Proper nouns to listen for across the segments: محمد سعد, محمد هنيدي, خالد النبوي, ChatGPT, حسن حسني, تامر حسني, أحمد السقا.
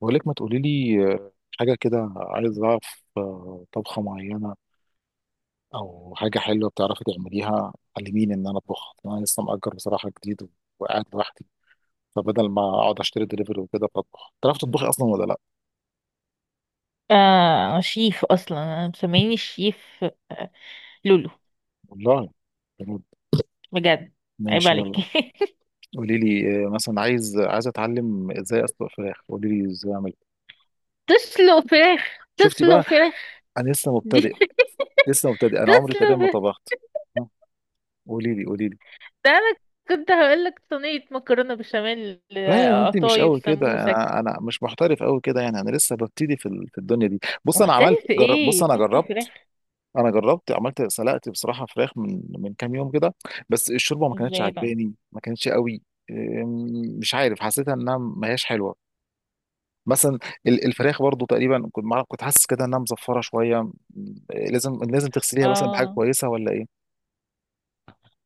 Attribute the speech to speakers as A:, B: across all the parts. A: بقول لك ما تقولي لي حاجة كده، عايز أعرف طبخة معينة أو حاجة حلوة بتعرفي تعمليها. علميني إن أنا أطبخ، أنا لسه مأجر بصراحة جديد وقاعد لوحدي، فبدل ما أقعد أشتري دليفري وكده بطبخ. تعرف تطبخي أصلا ولا لأ؟
B: آه، شيف. اصلا انا مسميني شيف آه لولو.
A: والله. بجد.
B: بجد. عيب
A: ماشي
B: عليك.
A: يلا. قولي لي مثلا عايز، أتعلم إزاي أسلق فراخ، قولي لي إزاي أعمل.
B: تسلق فراخ،
A: شفتي
B: تسلق
A: بقى،
B: فراخ
A: أنا لسه
B: دي.
A: مبتدئ، لسه مبتدئ، أنا
B: تسلق
A: عمري تقريبا ما
B: فراخ.
A: طبخت. ها، قولي لي، قولي.
B: ده انا كنت هقولك صينية مكرونة بشاميل،
A: لا يا بنتي، مش
B: قطايف،
A: قوي كده،
B: سمبوسك.
A: انا مش محترف قوي كده يعني، انا لسه ببتدي في الدنيا دي. بص انا عملت،
B: محترف
A: جرب، بص
B: ايه
A: انا
B: تسلق
A: جربت.
B: فراخ؟
A: انا جربت، عملت، سلقت بصراحه فراخ من كام يوم كده، بس الشوربه ما كانتش
B: ازاي بقى؟
A: عجباني، ما كانتش قوي. أم، مش عارف، حسيتها انها ما هياش حلوه مثلا. الفراخ برضو تقريبا كنت معرف، كنت حاسس كده انها مزفره شويه. لازم تغسليها مثلا بحاجه
B: اه،
A: كويسه ولا ايه؟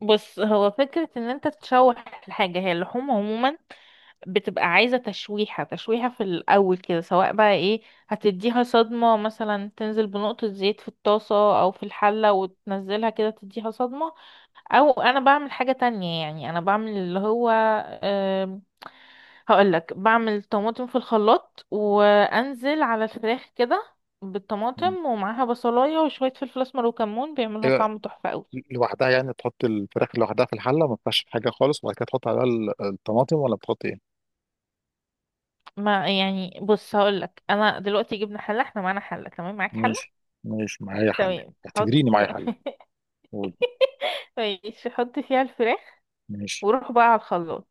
B: بص، هو فكرة ان انت تشوح الحاجة. هي اللحوم عموما بتبقى عايزة تشويحة تشويحة في الأول كده، سواء بقى ايه، هتديها صدمة. مثلا تنزل بنقطة زيت في الطاسة أو في الحلة وتنزلها كده، تديها صدمة. أو أنا بعمل حاجة تانية، يعني أنا بعمل اللي هو أم، هقولك، بعمل طماطم في الخلاط وأنزل على الفراخ كده،
A: مم.
B: بالطماطم ومعاها بصلاية وشوية فلفل أسمر وكمون، بيعملوا
A: ايوه،
B: طعم تحفة أوي.
A: لوحدها يعني، تحط الفراخ لوحدها في الحله، ما تنفعش في حاجه خالص، وبعد كده تحط عليها الطماطم ولا بتحط ايه؟
B: ما يعني، بص، هقولك أنا دلوقتي جبنا حلة، احنا معانا حلة. تمام، معاك حلة؟
A: ماشي، ماشي معايا حل.
B: تمام، حط.
A: اعتبريني معايا حل، قول.
B: ماشي، حط فيها الفراخ،
A: ماشي.
B: وروح بقى على الخلاط.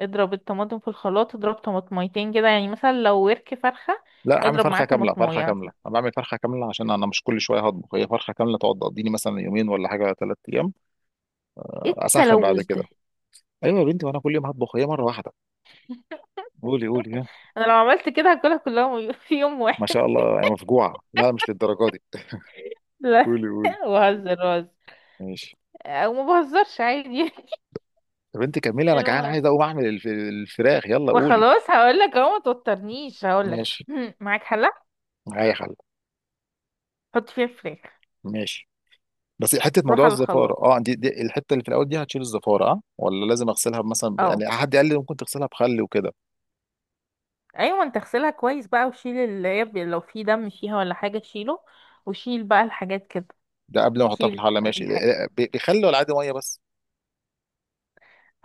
B: اضرب الطماطم في الخلاط، اضرب طماطميتين كده، يعني مثلا لو ورك فرخة
A: لا، عامل
B: اضرب معاه
A: فرخه كامله، فرخه
B: طماطمايه
A: كامله،
B: مثلا.
A: انا بعمل فرخه كامله عشان انا مش كل شويه هطبخ، هي فرخه كامله تقعد تقضيني مثلا يومين ولا حاجه ثلاث ايام.
B: ايه
A: اسخن بعد
B: التلوث
A: كده.
B: ده؟
A: ايوه يا بنتي، وانا كل يوم هطبخ، هي مره واحده. قولي قولي، ها.
B: انا لو عملت كده هاكلها كلها في يوم
A: ما
B: واحد.
A: شاء الله يا مفجوعه، لا مش للدرجه دي.
B: لا،
A: قولي قولي،
B: بهزر بهزر.
A: ماشي.
B: او ما بهزرش عادي.
A: طب انت كملي، انا جعان
B: المهم،
A: عايز اقوم اعمل الفراخ، يلا قولي.
B: وخلاص هقول لك اهو، ما توترنيش، هقول لك.
A: ماشي،
B: معاك حله؟
A: معايا حل.
B: حط فيها فراخ.
A: ماشي، بس حته
B: روح
A: موضوع
B: على
A: الزفاره
B: الخلاط.
A: اه، دي الحته اللي في الاول دي هتشيل الزفاره اه، ولا لازم اغسلها مثلا؟
B: اهو.
A: يعني حد قال لي ممكن تغسلها بخل وكده.
B: ايوه، انت اغسلها كويس بقى، وشيل اللي هي لو في دم فيها ولا حاجه شيله، وشيل بقى الحاجات كده.
A: ده قبل ما احطها في
B: شيل
A: الحله، ماشي.
B: اي حاجه.
A: بخل ولا عادي ميه بس؟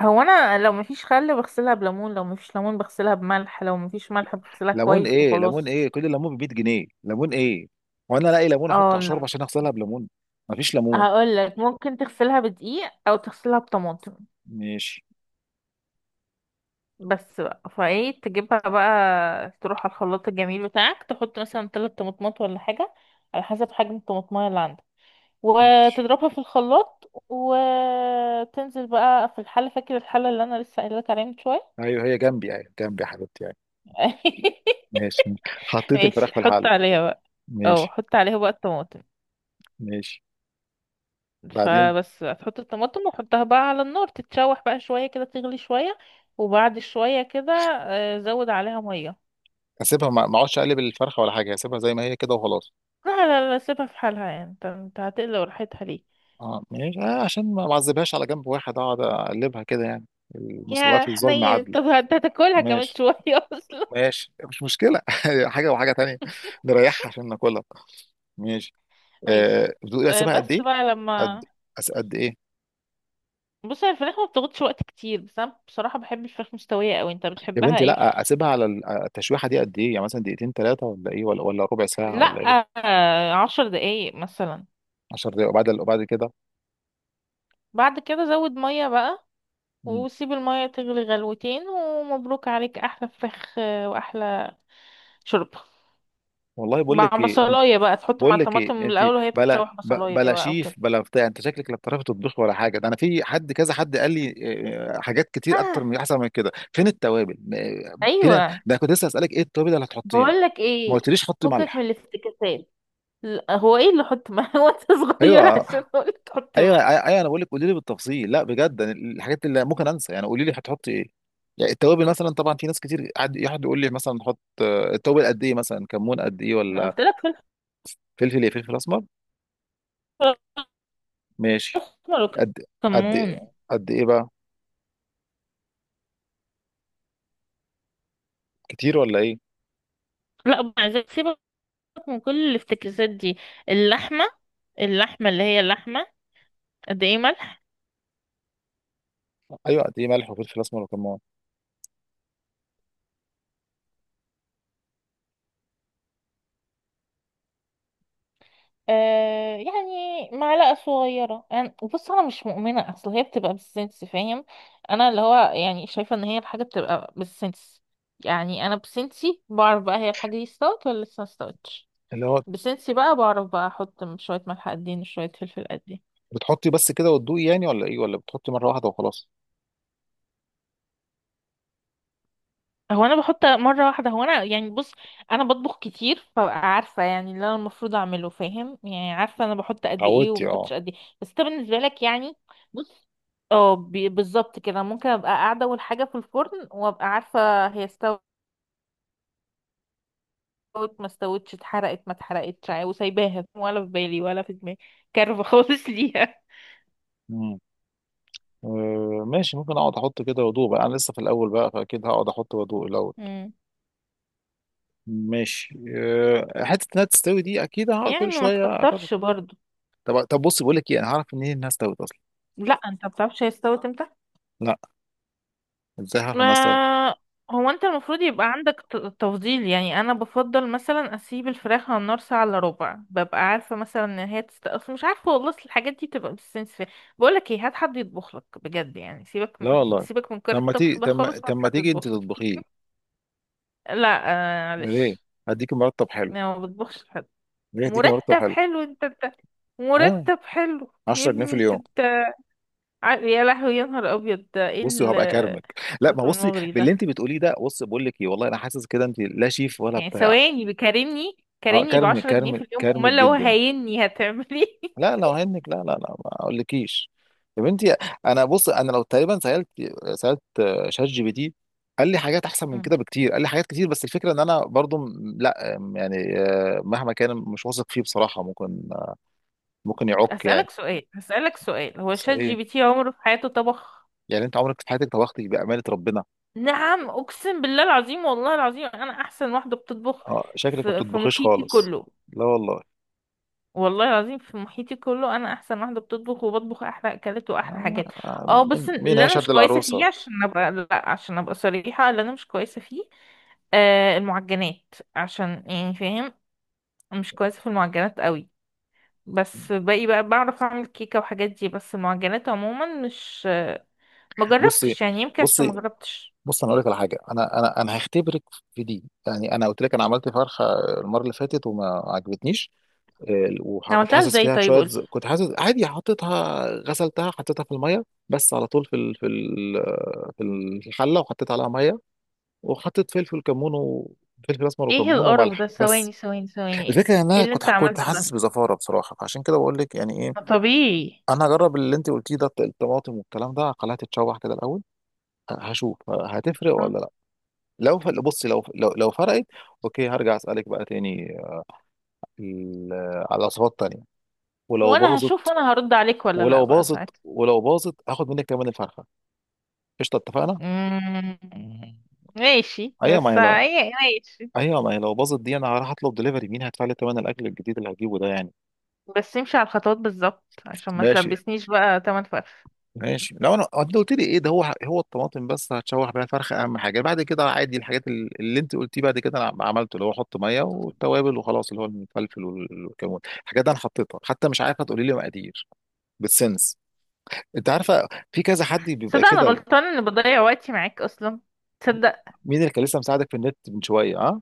B: هو انا لو مفيش خل بغسلها بليمون، لو مفيش ليمون بغسلها بملح، لو مفيش ملح بغسلها
A: ليمون
B: كويس
A: ايه؟ ليمون
B: وخلاص.
A: ايه؟ كل ليمون ب 100 جنيه، ليمون ايه؟ وانا الاقي ليمون احط
B: اه،
A: على شوربه
B: الليمون.
A: عشان اغسلها بليمون؟ مفيش ليمون.
B: هقول لك ممكن تغسلها بدقيق او تغسلها بطماطم.
A: ماشي،
B: بس بقى، فايه تجيبها بقى، تروح على الخلاط الجميل بتاعك، تحط مثلا 3 طماطمات ولا حاجه، على حسب حجم الطماطمايه اللي عندك،
A: ماشي،
B: وتضربها في الخلاط وتنزل بقى في الحلة. فاكر الحلة اللي انا لسه قايله لك عليها من شويه؟
A: ايوه هي جنبي، ايوه جنبي يا حبيبتي يعني. ماشي، حطيت
B: ماشي،
A: الفراخ في
B: حط
A: الحله.
B: عليها بقى. اه،
A: ماشي،
B: حط عليها بقى الطماطم.
A: ماشي. بعدين؟
B: فبس هتحط الطماطم وحطها بقى على النار، تتشوح بقى شويه كده، تغلي شويه. وبعد شويه كده زود عليها ميه.
A: اسيبها، ما اقعدش اقلب الفرخه ولا حاجه، اسيبها زي ما هي كده وخلاص؟
B: لا لا لا، سيبها في حالها، يعني انت هتقلق راحتها ليه؟
A: اه ماشي، آه، عشان ما معذبهاش على جنب واحد اقعد اقلبها كده يعني، المساواة
B: يا
A: في الظلم
B: حنين،
A: عدل.
B: طب انت هتاكلها كمان
A: ماشي،
B: شويه. اصلا.
A: ماشي، مش مشكلة. حاجة وحاجة تانية، نريحها عشان ناكلها. ماشي. آه
B: ماشي.
A: بتقول إيه، اسيبها قد
B: بس
A: ايه؟
B: بقى
A: قد،
B: لما،
A: قد ايه؟
B: بص، هي الفراخ ما بتاخدش وقت كتير، بس انا بصراحة بحب الفراخ مستوية قوي. انت
A: يا
B: بتحبها
A: بنتي،
B: ايه؟
A: لا، اسيبها على التشويحة دي قد ايه؟ يعني مثلا دقيقتين، ثلاثة ولا ايه، ولا ربع ساعة
B: لا،
A: ولا ايه؟
B: آه، 10 دقايق مثلا.
A: 10 دقايق، وبعد كده.
B: بعد كده زود مية بقى،
A: مم.
B: وسيب المية تغلي غلوتين، ومبروك عليك احلى فراخ واحلى شوربة،
A: والله بقول
B: مع
A: لك ايه،
B: بصلاية بقى، تحط مع
A: بقول لك ايه
B: الطماطم من
A: انت،
B: الاول وهي
A: بلا
B: بتتشوح، بصلاية
A: بلا
B: بقى او
A: شيف
B: كده.
A: بلا بتاع، انت شكلك لا بتعرفي تطبخ ولا حاجه. ده انا في حد، كذا حد قال لي حاجات كتير
B: آه،
A: اكتر، من احسن من كده. فين التوابل فين
B: ايوه،
A: ده، كنت لسه اسالك ايه التوابل اللي هتحطيها،
B: بقول لك
A: ما
B: ايه،
A: قلتليش حطي
B: فكك من
A: ملح.
B: الافتكاسات. لا، هو ايه اللي حط ملح وانت صغير
A: ايوه
B: عشان اقول لك حط
A: ايوه
B: ملح؟
A: ايوه أيوه، انا بقول لك قولي لي بالتفصيل، لا بجد، أنا الحاجات اللي ممكن انسى يعني، قولي لي هتحطي ايه. يعني التوابل مثلا، طبعا في ناس كتير قعد، يقول لي مثلا نحط التوابل قد ايه، مثلا كمون قد ايه
B: انا
A: ولا؟
B: قلت لك فلفل
A: فلفل ايه؟ فلفل اسمر. ماشي.
B: اسمر
A: قد، قد
B: وكمون.
A: قد ايه بقى؟ كتير ولا ايه؟
B: لا، مع ذلك سيبك من كل الافتكاسات دي. اللحمة، اللحمة اللي هي اللحمة، قد ايه ملح؟
A: ايوه، قد ايه ملح وفلفل اسمر وكمون؟
B: يعني معلقة صغيرة. أنا بص، أنا مش مؤمنة، أصل هي بتبقى بالسنس، فاهم؟ أنا اللي هو يعني شايفة إن هي الحاجة بتبقى بالسنس، يعني أنا بسنسي بعرف بقى هي الحاجة دي استوت ولا لسه ما استوتش.
A: اللي هو،
B: بسنسي بقى بعرف بقى أحط شوية ملح قد ايه، شوية فلفل قد ايه.
A: بتحطي بس كده وتدوقي يعني ولا ايه، ولا بتحطي مره واحده وخلاص؟
B: هو انا بحط مره واحده، هو انا، يعني بص، انا بطبخ كتير، فعارفه يعني اللي انا المفروض اعمله، فاهم؟ يعني عارفه انا بحط قد ايه
A: اتعودتي اه.
B: وبحطش قد ايه. بس انت بالنسبه لك، يعني، بص، اه، بالظبط كده. ممكن ابقى قاعده اول حاجه في الفرن وابقى عارفه هي استوت ما استوتش، اتحرقت ما اتحرقتش، وسايباها. ولا في بالي ولا في دماغي، كارفه خالص ليها.
A: امم آه، ماشي. ممكن اقعد احط كده وادوق بقى، انا لسه في الاول بقى، فاكيد هقعد احط وادوق الاول.
B: مم.
A: ماشي. آه، حته انها تستوي دي، اكيد هقعد
B: يعني
A: كل
B: ما
A: شويه اجرب.
B: تكترش برضو.
A: طب، بص بقول لك ايه، انا هعرف منين انها استوت اصلا؟
B: لا، انت ما بتعرفش هي استوت امتى.
A: لا، ازاي هعرف انها استوت؟
B: ما هو انت المفروض يبقى عندك تفضيل، يعني انا بفضل مثلا اسيب الفراخ على النار ساعة الا ربع، ببقى عارفة مثلا ان هي تست... أصل مش عارفة والله، أصل الحاجات دي بتبقى بالسنس فيها. بقولك ايه، هات حد يطبخ لك بجد، يعني سيبك
A: لا
B: من
A: والله.
B: سيبك من كار
A: طب ما
B: الطبخ
A: تيجي،
B: ده خالص، ما
A: طب ما
B: حد
A: تيجي انت
B: يطبخ لك.
A: تطبخيه؟
B: لا، آه،
A: ليه؟
B: معلش.
A: هديكي مرتب حلو.
B: انا ما بطبخش حد.
A: ليه؟ هديكي مرتب
B: مرتب
A: حلو.
B: حلو؟ انت انت.
A: ايوه،
B: مرتب حلو يا
A: 10 جنيه في
B: ابني، انت
A: اليوم.
B: انت. يا لهوي، يا نهار ابيض، ده ايه
A: بصي وهبقى اكرمك. لا، ما
B: المرتب
A: بصي
B: المغري
A: باللي
B: ده؟
A: انت بتقوليه ده، بصي بقول لك ايه، والله انا حاسس كده انت لا شيف ولا
B: يعني
A: بتاع.
B: ثواني، بكارمني،
A: اه،
B: كارمني
A: كرم،
B: بعشرة
A: كرم،
B: جنيه في اليوم،
A: كرمك
B: امال لو
A: جدا.
B: هيني هتعملي؟
A: لا لو هنك، لا لا لا ما اقولكيش. يا بنتي، انا بص، انا لو تقريبا سالت، سالت شات جي بي تي، قال لي حاجات احسن من
B: مم.
A: كده بكتير، قال لي حاجات كتير، بس الفكره ان انا برضو لا، يعني مهما كان مش واثق فيه بصراحه، ممكن ممكن يعك يعني.
B: هسألك سؤال، هسألك سؤال، هو شات
A: صحيح،
B: جي بي تي عمره في حياته طبخ؟
A: يعني انت عمرك في حياتك طبختي بامانه ربنا؟
B: نعم، أقسم بالله العظيم، والله العظيم أنا أحسن واحدة بتطبخ
A: اه شكلك ما
B: في
A: بتطبخيش
B: محيطي
A: خالص.
B: كله.
A: لا والله.
B: والله العظيم في محيطي كله أنا أحسن واحدة بتطبخ، وبطبخ أحلى أكلات وأحلى
A: آه،
B: حاجات. اه، بس
A: مين، مين
B: اللي أنا مش
A: هيشهد
B: كويسة فيه،
A: للعروسه؟
B: عشان أبقى، لا، عشان أبقى صريحة، اللي أنا مش كويسة فيه المعجنات، عشان، يعني، فاهم؟ مش كويسة في المعجنات قوي. بس باقي بقى بعرف اعمل كيكة وحاجات دي، بس المعجنات عموما مش، ما
A: بصي،
B: جربتش يعني، يمكن عشان
A: بصي،
B: ما جربتش.
A: بص، انا اقول لك على حاجه، انا انا هختبرك في دي. يعني انا قلت لك انا عملت فرخه المره اللي فاتت وما عجبتنيش. آه، وكنت
B: عملتها
A: حاسس
B: ازاي
A: فيها
B: طيب،
A: بشويه،
B: قولي.
A: كنت حاسس عادي، حطيتها، غسلتها، حطيتها في الميه بس على طول، في الحله، وحطيت عليها ميه، وحطيت فلفل كمون وفلفل اسمر
B: ايه
A: وكمون
B: القرف
A: وملح
B: ده؟
A: بس.
B: ثواني ثواني ثواني، ايه
A: الفكره ان
B: إيه
A: انا
B: اللي انت
A: كنت
B: عملته
A: حاسس
B: ده؟
A: بزفاره بصراحه، فعشان كده بقول لك يعني إيه.
B: ما طبيعي.
A: انا هجرب اللي انت قلتيه ده، الطماطم والكلام ده، خليها تتشوح كده الاول، هشوف هتفرق
B: آه.
A: ولا لا. لو بصي، لو فرقت اوكي، هرجع اسالك بقى تاني ال- على وصفات تانية. ولو
B: وانا
A: باظت،
B: هشوف، وانا هرد عليك ولا لا بقى ساعتها.
A: ولو باظت هاخد منك كمان الفرخه، قشطه، اتفقنا.
B: مم. ماشي،
A: ايوه ما
B: بس
A: هي، لا
B: ايه، ماشي.
A: ايوه ما هي لو باظت دي، انا هروح اطلب دليفري، مين هيدفع لي ثمن الاكل الجديد اللي هجيبه ده يعني؟
B: بس امشي على الخطوات بالظبط، عشان ما
A: ماشي.
B: تلبسنيش بقى تمن فرف.
A: ماشي، لو انا آه، انت قلت لي ايه ده، هو الطماطم بس هتشوح بيها الفرخه اهم حاجه، بعد كده عادي الحاجات اللي انت قلتيه بعد كده انا عملته، اللي هو احط ميه والتوابل وخلاص، اللي هو الفلفل والكمون، الحاجات دي انا حطيتها حتى مش عارفه، تقولي لي مقادير؟ بالسنس، انت عارفه، في كذا حد بيبقى
B: صدق، انا
A: كده.
B: غلطانه اني بضيع وقتي معاك اصلا. تصدق.
A: مين اللي كان لسه مساعدك في النت من شويه، ها؟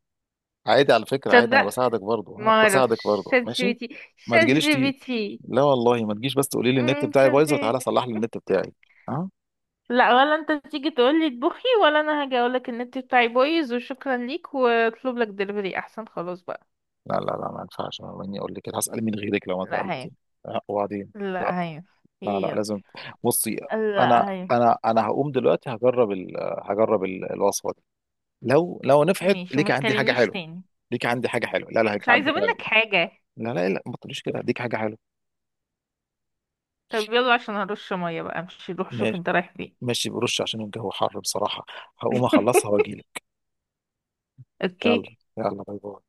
A: عادي على فكره، عادي انا
B: تصدق.
A: بساعدك برضه، ها،
B: ما
A: بساعدك
B: اعرفش
A: برضه،
B: شات جي
A: ماشي.
B: بي تي
A: ما
B: شات
A: تجيليش
B: جي بي
A: دي،
B: تي
A: لا والله ما تجيش بس تقولي لي النت بتاعي
B: شات
A: بايظ
B: جي
A: وتعالى
B: بي تي
A: صلح لي النت بتاعي. آه؟
B: لا، ولا انت تيجي تقول لي اطبخي، ولا انا هاجي اقول لك النت بتاعي بايظ وشكرا ليك، واطلب لك دليفري احسن، خلاص بقى.
A: لا لا لا، ما ينفعش مني اقول لك كده، هسأل مين غيرك لو ما
B: لا هي،
A: سألت؟ لا، وبعدين،
B: لا هي،
A: لا لا
B: هي،
A: لازم. بصي، انا
B: لا هي.
A: انا انا هقوم دلوقتي هجرب ال... هجرب الوصفه دي، لو نفعت
B: ماشي، وما
A: ليك عندي حاجه
B: تكلمنيش
A: حلوه،
B: تاني.
A: ليك عندي حاجه حلوه. لا لا،
B: مش
A: ليك عندي
B: عايزه
A: حاجه
B: منك
A: حلوه.
B: حاجه.
A: لا لا لا ما تقوليش كده، ليك حاجه حلوه.
B: طب يلا، عشان هرش ميه بقى، مش روح شوف
A: ماشي.
B: انت رايح فين.
A: ماشي، برش عشان الجو حر بصراحه، هقوم اخلصها واجيلك. يلا
B: اوكي
A: يلا، باي باي.